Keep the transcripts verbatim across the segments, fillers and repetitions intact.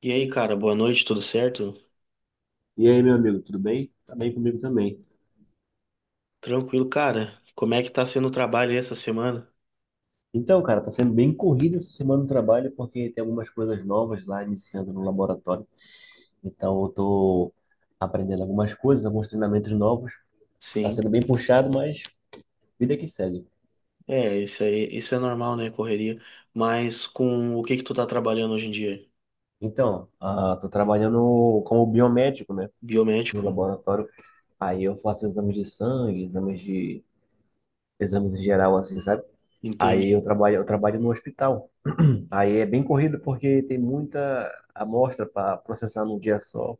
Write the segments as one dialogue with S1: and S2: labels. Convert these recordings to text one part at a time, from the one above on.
S1: E aí, cara, boa noite, tudo certo?
S2: E aí, meu amigo, tudo bem? Tá bem comigo também.
S1: Tranquilo, cara. Como é que tá sendo o trabalho aí essa semana?
S2: Então, cara, tá sendo bem corrido essa semana no trabalho porque tem algumas coisas novas lá iniciando no laboratório. Então, eu tô aprendendo algumas coisas, alguns treinamentos novos. Tá
S1: Sim.
S2: sendo bem puxado, mas vida que segue.
S1: É, isso aí, isso é normal, né, correria. Mas com o que que tu tá trabalhando hoje em dia?
S2: Então, ah, tô trabalhando como biomédico, né, no
S1: Biomédico?
S2: laboratório. Aí eu faço exames de sangue, exames de exames em geral assim, sabe? Aí eu
S1: Entendi.
S2: trabalho, eu trabalho no hospital. Aí é bem corrido porque tem muita amostra para processar num dia só.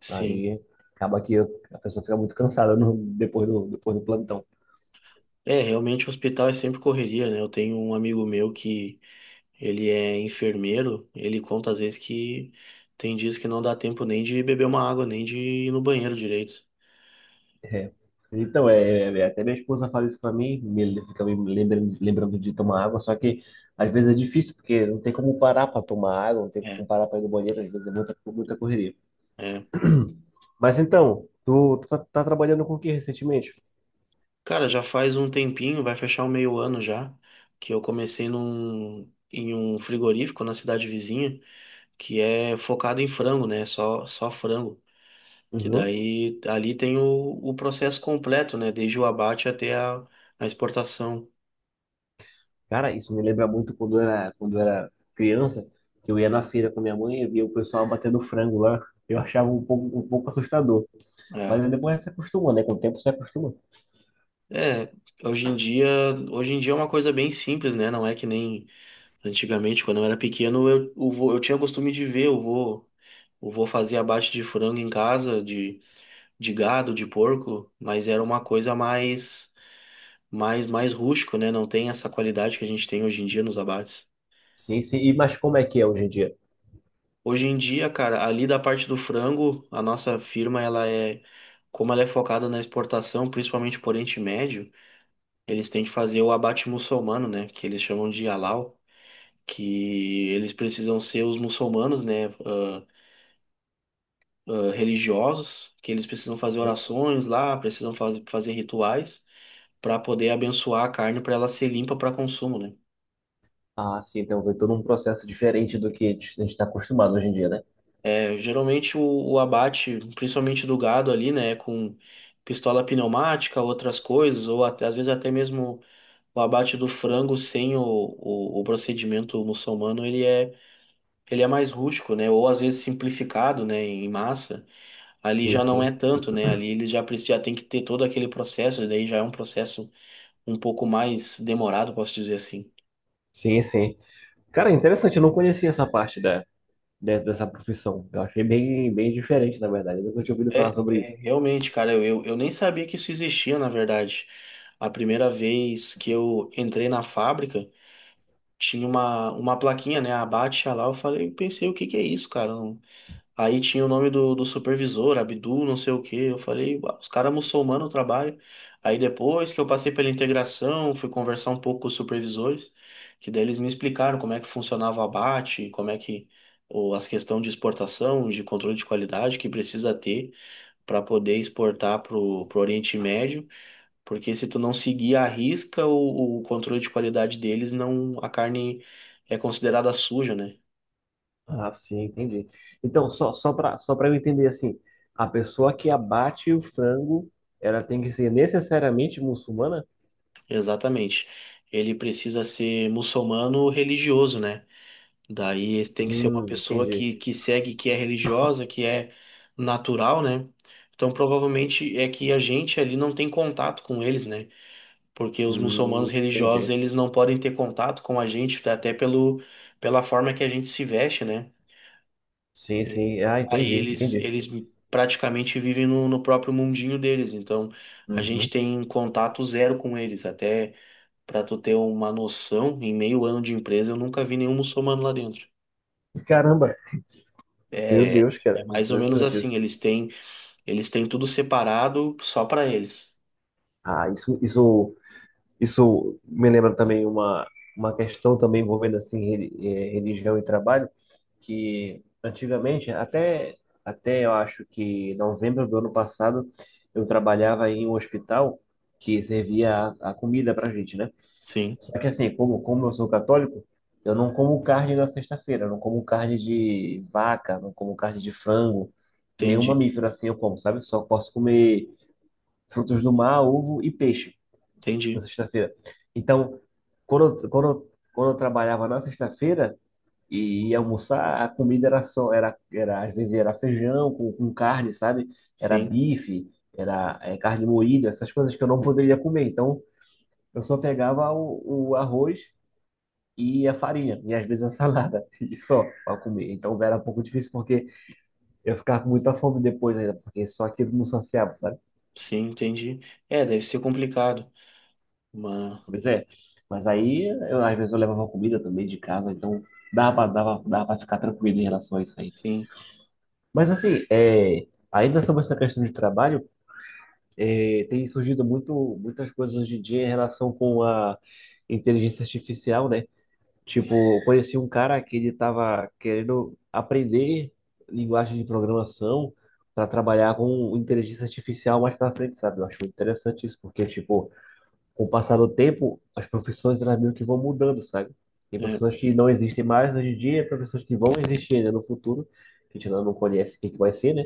S1: Sim.
S2: Aí acaba que eu- a pessoa fica muito cansada no- depois do, depois do plantão.
S1: É, realmente o hospital é sempre correria, né? Eu tenho um amigo meu que ele é enfermeiro, ele conta às vezes que tem dias que não dá tempo nem de beber uma água, nem de ir no banheiro direito.
S2: É. Então, é, é, até minha esposa fala isso para mim, me, fica me lembrando, lembrando de tomar água, só que às vezes é difícil, porque não tem como parar para tomar água, não tem
S1: É,
S2: como parar para ir no banheiro, às vezes é muita, muita correria.
S1: é.
S2: Mas então, tu, tu tá, tá trabalhando com o que recentemente?
S1: Cara, já faz um tempinho, vai fechar um meio ano já, que eu comecei num, em um frigorífico na cidade vizinha, que é focado em frango, né? Só, só frango. Que
S2: Uhum.
S1: daí ali tem o, o processo completo, né? Desde o abate até a, a exportação.
S2: Cara, isso me lembra muito quando eu era, quando eu era criança, que eu ia na feira com a minha mãe e via o pessoal batendo frango lá. Eu achava um pouco, um pouco assustador.
S1: É,
S2: Mas aí depois se acostuma, né? Com o tempo se acostuma.
S1: é, hoje em dia, hoje em dia é uma coisa bem simples, né? Não é que nem antigamente, quando eu era pequeno, eu, eu, vô- eu tinha costume de ver, eu vou, eu vou fazer abate de frango em casa, de gado, de porco, mas era uma coisa mais, mais, mais, rústico, né? Não tem essa qualidade que a gente tem hoje em dia nos abates.
S2: Sim, sim. E mas como é que é hoje em dia?
S1: Hoje em dia, cara, ali da parte do frango, a nossa firma, ela é, como ela é focada na exportação, principalmente por Oriente Médio, eles têm que fazer o abate muçulmano, né? Que eles chamam de halal, que eles precisam ser os muçulmanos, né? ah, ah, religiosos, que eles precisam fazer
S2: Hum?
S1: orações lá, precisam faz, fazer rituais para poder abençoar a carne para ela ser limpa para consumo, né?
S2: Ah, sim, então tem todo um processo diferente do que a gente está acostumado hoje em dia, né?
S1: É, geralmente o, o abate, principalmente do gado ali, né, com pistola pneumática, outras coisas, ou até, às vezes até mesmo o abate do frango sem o, o, o procedimento muçulmano, ele é, ele é mais rústico, né? Ou às vezes simplificado, né, em massa. Ali
S2: Sim,
S1: já não é
S2: sim.
S1: tanto, né? Ali eles já, precis- já tem que ter todo aquele processo, daí já é um processo um pouco mais demorado, posso dizer assim.
S2: Sim, sim. Cara, interessante, eu não conhecia essa parte da, de- dessa profissão. Eu achei bem, bem diferente, na verdade. Eu nunca tinha ouvido falar
S1: É,
S2: sobre
S1: é,
S2: isso.
S1: realmente, cara, eu, eu eu nem sabia que isso existia, na verdade. A primeira vez que eu entrei na fábrica, tinha uma, uma plaquinha, né? Abate lá, eu falei, pensei, o que que é isso, cara? Não- Aí tinha o nome do, do supervisor, Abdu, não sei o quê. Eu falei, "Uau, os caras muçulmanos trabalham." Aí depois que eu passei pela integração, fui conversar um pouco com os supervisores, que daí eles me explicaram como é que funcionava o abate, como é que ou as questões de exportação, de controle de qualidade que precisa ter para poder exportar para o Oriente Médio, porque se tu não seguir à risca o, o controle de qualidade deles, não a carne é considerada suja, né?
S2: Ah, sim, entendi. Então, só, só para só para eu entender assim, a pessoa que abate o frango, ela tem que ser necessariamente muçulmana?
S1: Exatamente. Ele precisa ser muçulmano religioso, né? Daí tem que ser uma
S2: Hum,
S1: pessoa
S2: entendi.
S1: que, que segue, que é religiosa, que é natural, né? Então provavelmente é que a gente ali não tem contato com eles, né? Porque os muçulmanos
S2: Hum,
S1: religiosos,
S2: entendi.
S1: eles não podem ter contato com a gente, até pelo, pela forma que a gente se veste, né?
S2: Sim,
S1: E
S2: sim. Ah,
S1: aí
S2: entendi,
S1: eles,
S2: entendi.
S1: eles praticamente vivem no, no próprio mundinho deles, então a gente
S2: Uhum.
S1: tem contato zero com eles, até para tu ter uma noção, em meio ano de empresa eu nunca vi nenhum muçulmano lá dentro.
S2: Caramba, meu
S1: É,
S2: Deus,
S1: é
S2: cara,
S1: mais ou menos
S2: interessante isso.
S1: assim, eles têm, eles têm tudo separado só para eles.
S2: Ah, isso, isso, isso me lembra também uma, uma questão também envolvendo assim re- eh, religião e trabalho. Que antigamente, até, até eu acho que novembro do ano passado, eu trabalhava em um hospital que servia a, a comida pra gente, né?
S1: Sim,
S2: Só que assim, como, como eu sou católico, eu não como carne na sexta-feira, eu não como carne de vaca, não como carne de frango, nenhum
S1: entendi,
S2: mamífero assim eu como, sabe? Só posso comer frutos do mar, ovo e peixe na
S1: entendi.
S2: sexta-feira. Então, quando, eu- quando, eu- quando eu trabalhava na sexta-feira, e ia almoçar, a comida era só, era, era às vezes era feijão com, com carne, sabe? Era
S1: Sim,
S2: bife, era eh, carne moída, essas coisas que eu não poderia comer. Então, eu só pegava o, o arroz e a farinha, e às vezes a salada, e só para comer. Então, era um pouco difícil porque eu ficava com muita fome depois ainda, porque só aquilo não saciava, sabe?
S1: sim, entendi. É, deve ser complicado, mas
S2: Pois é. Mas aí, eu, às vezes eu levava comida também de casa, então dava, dava, dava para ficar tranquilo em relação a isso aí.
S1: sim.
S2: Mas assim, é, ainda sobre essa questão de trabalho, é, tem surgido muito, muitas coisas hoje em dia em relação com a inteligência artificial, né? Tipo, eu conheci um cara que ele estava querendo aprender linguagem de programação para trabalhar com inteligência artificial mais para frente, sabe? Eu acho interessante isso, porque, tipo, com o passar do tempo, as profissões elas meio que vão mudando, sabe? Tem
S1: É.
S2: profissões que não existem mais hoje em dia, profissões que vão existir ainda no futuro, que a gente ainda não conhece o que que vai ser, né?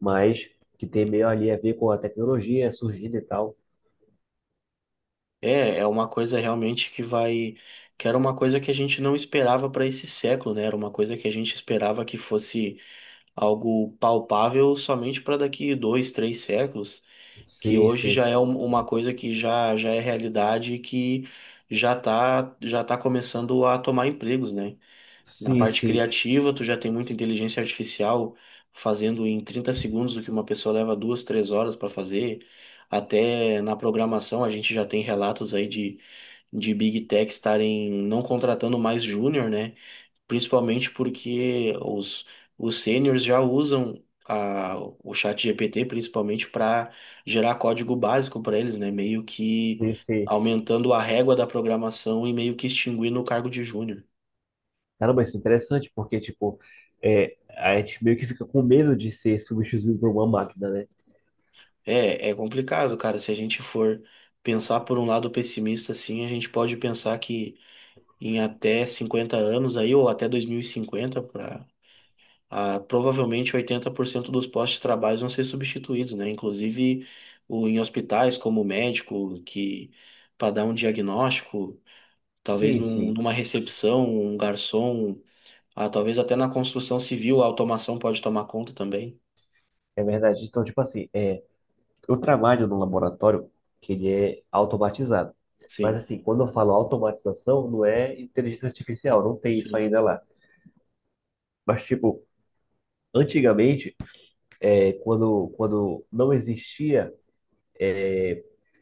S2: Mas que tem meio ali a ver com a tecnologia surgindo e tal.
S1: É, é uma coisa realmente que vai, que era uma coisa que a gente não esperava para esse século, né? Era uma coisa que a gente esperava que fosse algo palpável somente para daqui dois, três séculos, que
S2: Sim,
S1: hoje
S2: sim,
S1: já é um- uma coisa que já, já é realidade e que já tá, já tá começando a tomar empregos, né? Na
S2: sim,
S1: parte
S2: sim,
S1: criativa, tu já tem muita inteligência artificial fazendo em trinta segundos o que uma pessoa leva duas, três horas para fazer. Até na programação a gente já tem relatos aí de de Big Tech estarem não contratando mais júnior, né? Principalmente porque os, os sêniors já usam a, o chat G P T principalmente para gerar código básico para eles, né? Meio que
S2: sim, sim.
S1: aumentando a régua da programação e meio que extinguindo o cargo de júnior.
S2: Caramba, isso é interessante, porque, tipo, é, a gente meio que fica com medo de ser substituído por uma máquina, né?
S1: É, é complicado, cara. Se a gente for pensar por um lado pessimista, assim, a gente pode pensar que em até cinquenta anos aí, ou até dois mil e cinquenta para ah, provavelmente oitenta por cento dos postos de trabalho vão ser substituídos, né? Inclusive o, em hospitais, como médico, que para dar um diagnóstico, talvez
S2: Sim,
S1: num-
S2: sim,
S1: numa recepção, um garçom, ah, talvez até na construção civil a automação pode tomar conta também.
S2: é verdade. Então, tipo assim, é, eu trabalho num laboratório que ele é automatizado. Mas,
S1: Sim,
S2: assim, quando eu falo automatização, não é inteligência artificial, não tem isso
S1: sim,
S2: ainda lá. Mas, tipo, antigamente, é, quando, quando não existia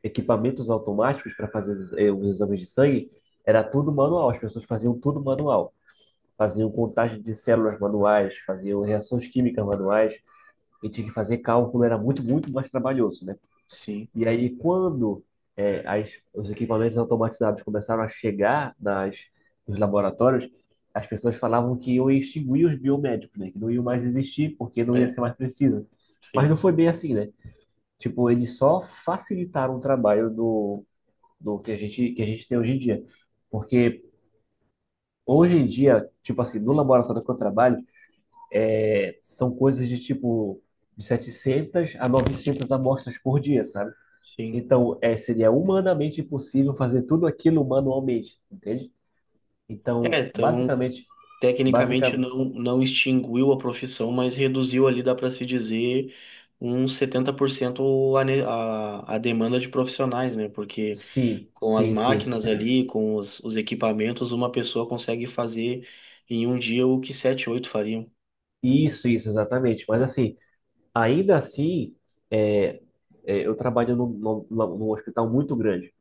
S2: equipamentos automáticos para fazer os exames de sangue, era tudo manual, as pessoas faziam tudo manual. Faziam contagem de células manuais, faziam reações químicas manuais, e tinha que fazer cálculo, era muito, muito mais trabalhoso, né?
S1: sim,
S2: E aí, quando é, as, os equipamentos automatizados começaram a chegar nas, nos laboratórios, as pessoas falavam que iam extinguir os biomédicos, né? Que não iam mais existir, porque não ia
S1: é,
S2: ser mais preciso. Mas
S1: sim,
S2: não foi bem assim, né? Tipo, eles só facilitaram o trabalho do do que a gente, que a gente tem hoje em dia. Porque hoje em dia, tipo assim, no laboratório que eu trabalho, é, são coisas de tipo de setecentas a novecentas amostras por dia, sabe?
S1: sim.
S2: Então, é, seria humanamente impossível fazer tudo aquilo manualmente, entende?
S1: É,
S2: Então,
S1: então.
S2: basicamente,
S1: Tecnicamente
S2: básica,
S1: não, não extinguiu a profissão, mas reduziu ali, dá para se dizer, uns setenta por cento a, ne- a, a demanda de profissionais, né? Porque
S2: sim,
S1: com as
S2: sim, sim.
S1: máquinas ali, com os, os equipamentos, uma pessoa consegue fazer em um dia o que sete, oito fariam.
S2: Isso, isso, exatamente. Mas assim, ainda assim, é, é, eu trabalho num, num, num hospital muito grande.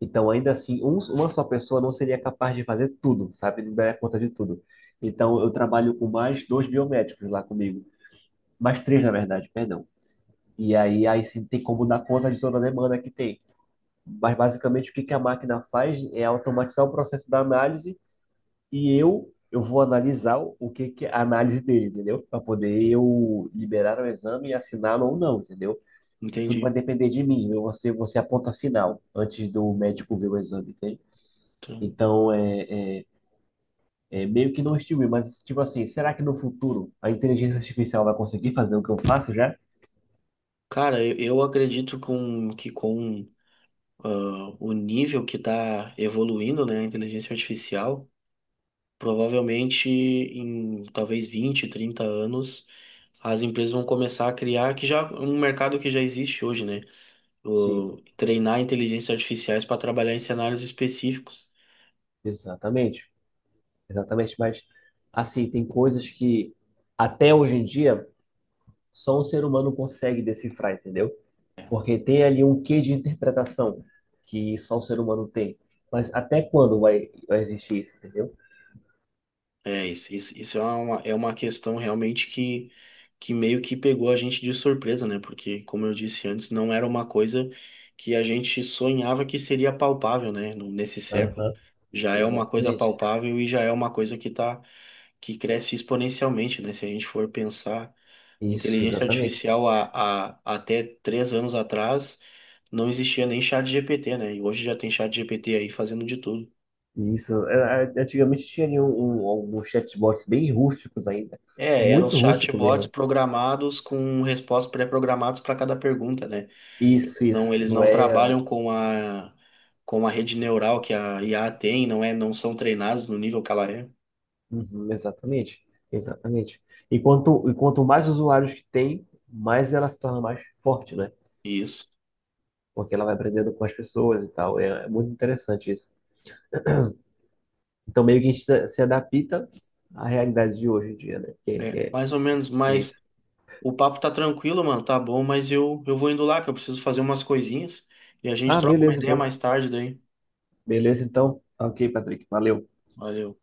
S2: Então, ainda assim, um- uma só pessoa não seria capaz de fazer tudo, sabe? Não daria conta de tudo. Então, eu trabalho com mais dois biomédicos lá comigo. Mais três, na verdade, perdão. E aí, aí sim, tem como dar conta de toda a demanda que tem. Mas, basicamente, o que que a máquina faz é automatizar o processo da análise e eu, eu vou analisar o que que é a análise dele, entendeu? Para poder eu liberar o exame e assiná-lo ou não, entendeu? Tudo vai
S1: Entendi.
S2: depender de mim. Eu vou ser, vou ser a ponta final antes do médico ver o exame, entende?
S1: Então,
S2: Então, é, é, é meio que não estimula, mas, tipo assim, será que no futuro a inteligência artificial vai conseguir fazer o que eu faço já?
S1: cara, eu, eu acredito com, que com ah, o nível que está evoluindo, né, a inteligência artificial, provavelmente em talvez vinte, trinta anos as empresas vão começar a criar que já é um mercado que já existe hoje, né?
S2: Sim,
S1: O, treinar inteligências artificiais para trabalhar em cenários específicos.
S2: exatamente. Exatamente, mas, assim, tem coisas que até hoje em dia só um ser humano consegue decifrar, entendeu?
S1: É.
S2: Porque tem ali um quê de interpretação que só o ser humano tem. Mas até quando vai, vai existir isso, entendeu?
S1: É, isso, isso, isso é uma, é uma, questão realmente que, que meio que pegou a gente de surpresa, né? Porque, como eu disse antes, não era uma coisa que a gente sonhava que seria palpável, né? No- Nesse século.
S2: Aham,
S1: Já é uma coisa
S2: exatamente.
S1: palpável e já é uma coisa que tá, que cresce exponencialmente, né? Se a gente for pensar.
S2: Isso,
S1: Inteligência
S2: exatamente.
S1: artificial há, há até três anos atrás não existia nem chat G P T, né? E hoje já tem chat G P T aí fazendo de tudo.
S2: Isso, é, é, antigamente tinha um, um- alguns chatbots bem rústicos ainda,
S1: É, eram os
S2: muito rústico
S1: chatbots
S2: mesmo.
S1: programados com respostas pré-programadas para cada pergunta, né?
S2: Isso,
S1: Não,
S2: isso,
S1: eles
S2: não
S1: não
S2: é?
S1: trabalham com a com a rede neural que a I A tem, não é, não são treinados no nível que ela é.
S2: Uhum, exatamente, exatamente. Enquanto, e quanto mais usuários que tem, mais ela se torna mais forte, né?
S1: Isso.
S2: Porque ela vai aprendendo com as pessoas e tal, é, é muito interessante isso. Então meio que a gente se se adapta à realidade de hoje em dia, né? Que, é-
S1: É,
S2: que é,
S1: mais ou menos,
S2: é
S1: mas
S2: isso.
S1: o papo tá tranquilo, mano, tá bom, mas eu eu vou indo lá que eu preciso fazer umas coisinhas e a gente
S2: Ah,
S1: troca uma
S2: beleza
S1: ideia
S2: então,
S1: mais tarde daí.
S2: beleza então. Ok, Patrick, valeu.
S1: Valeu.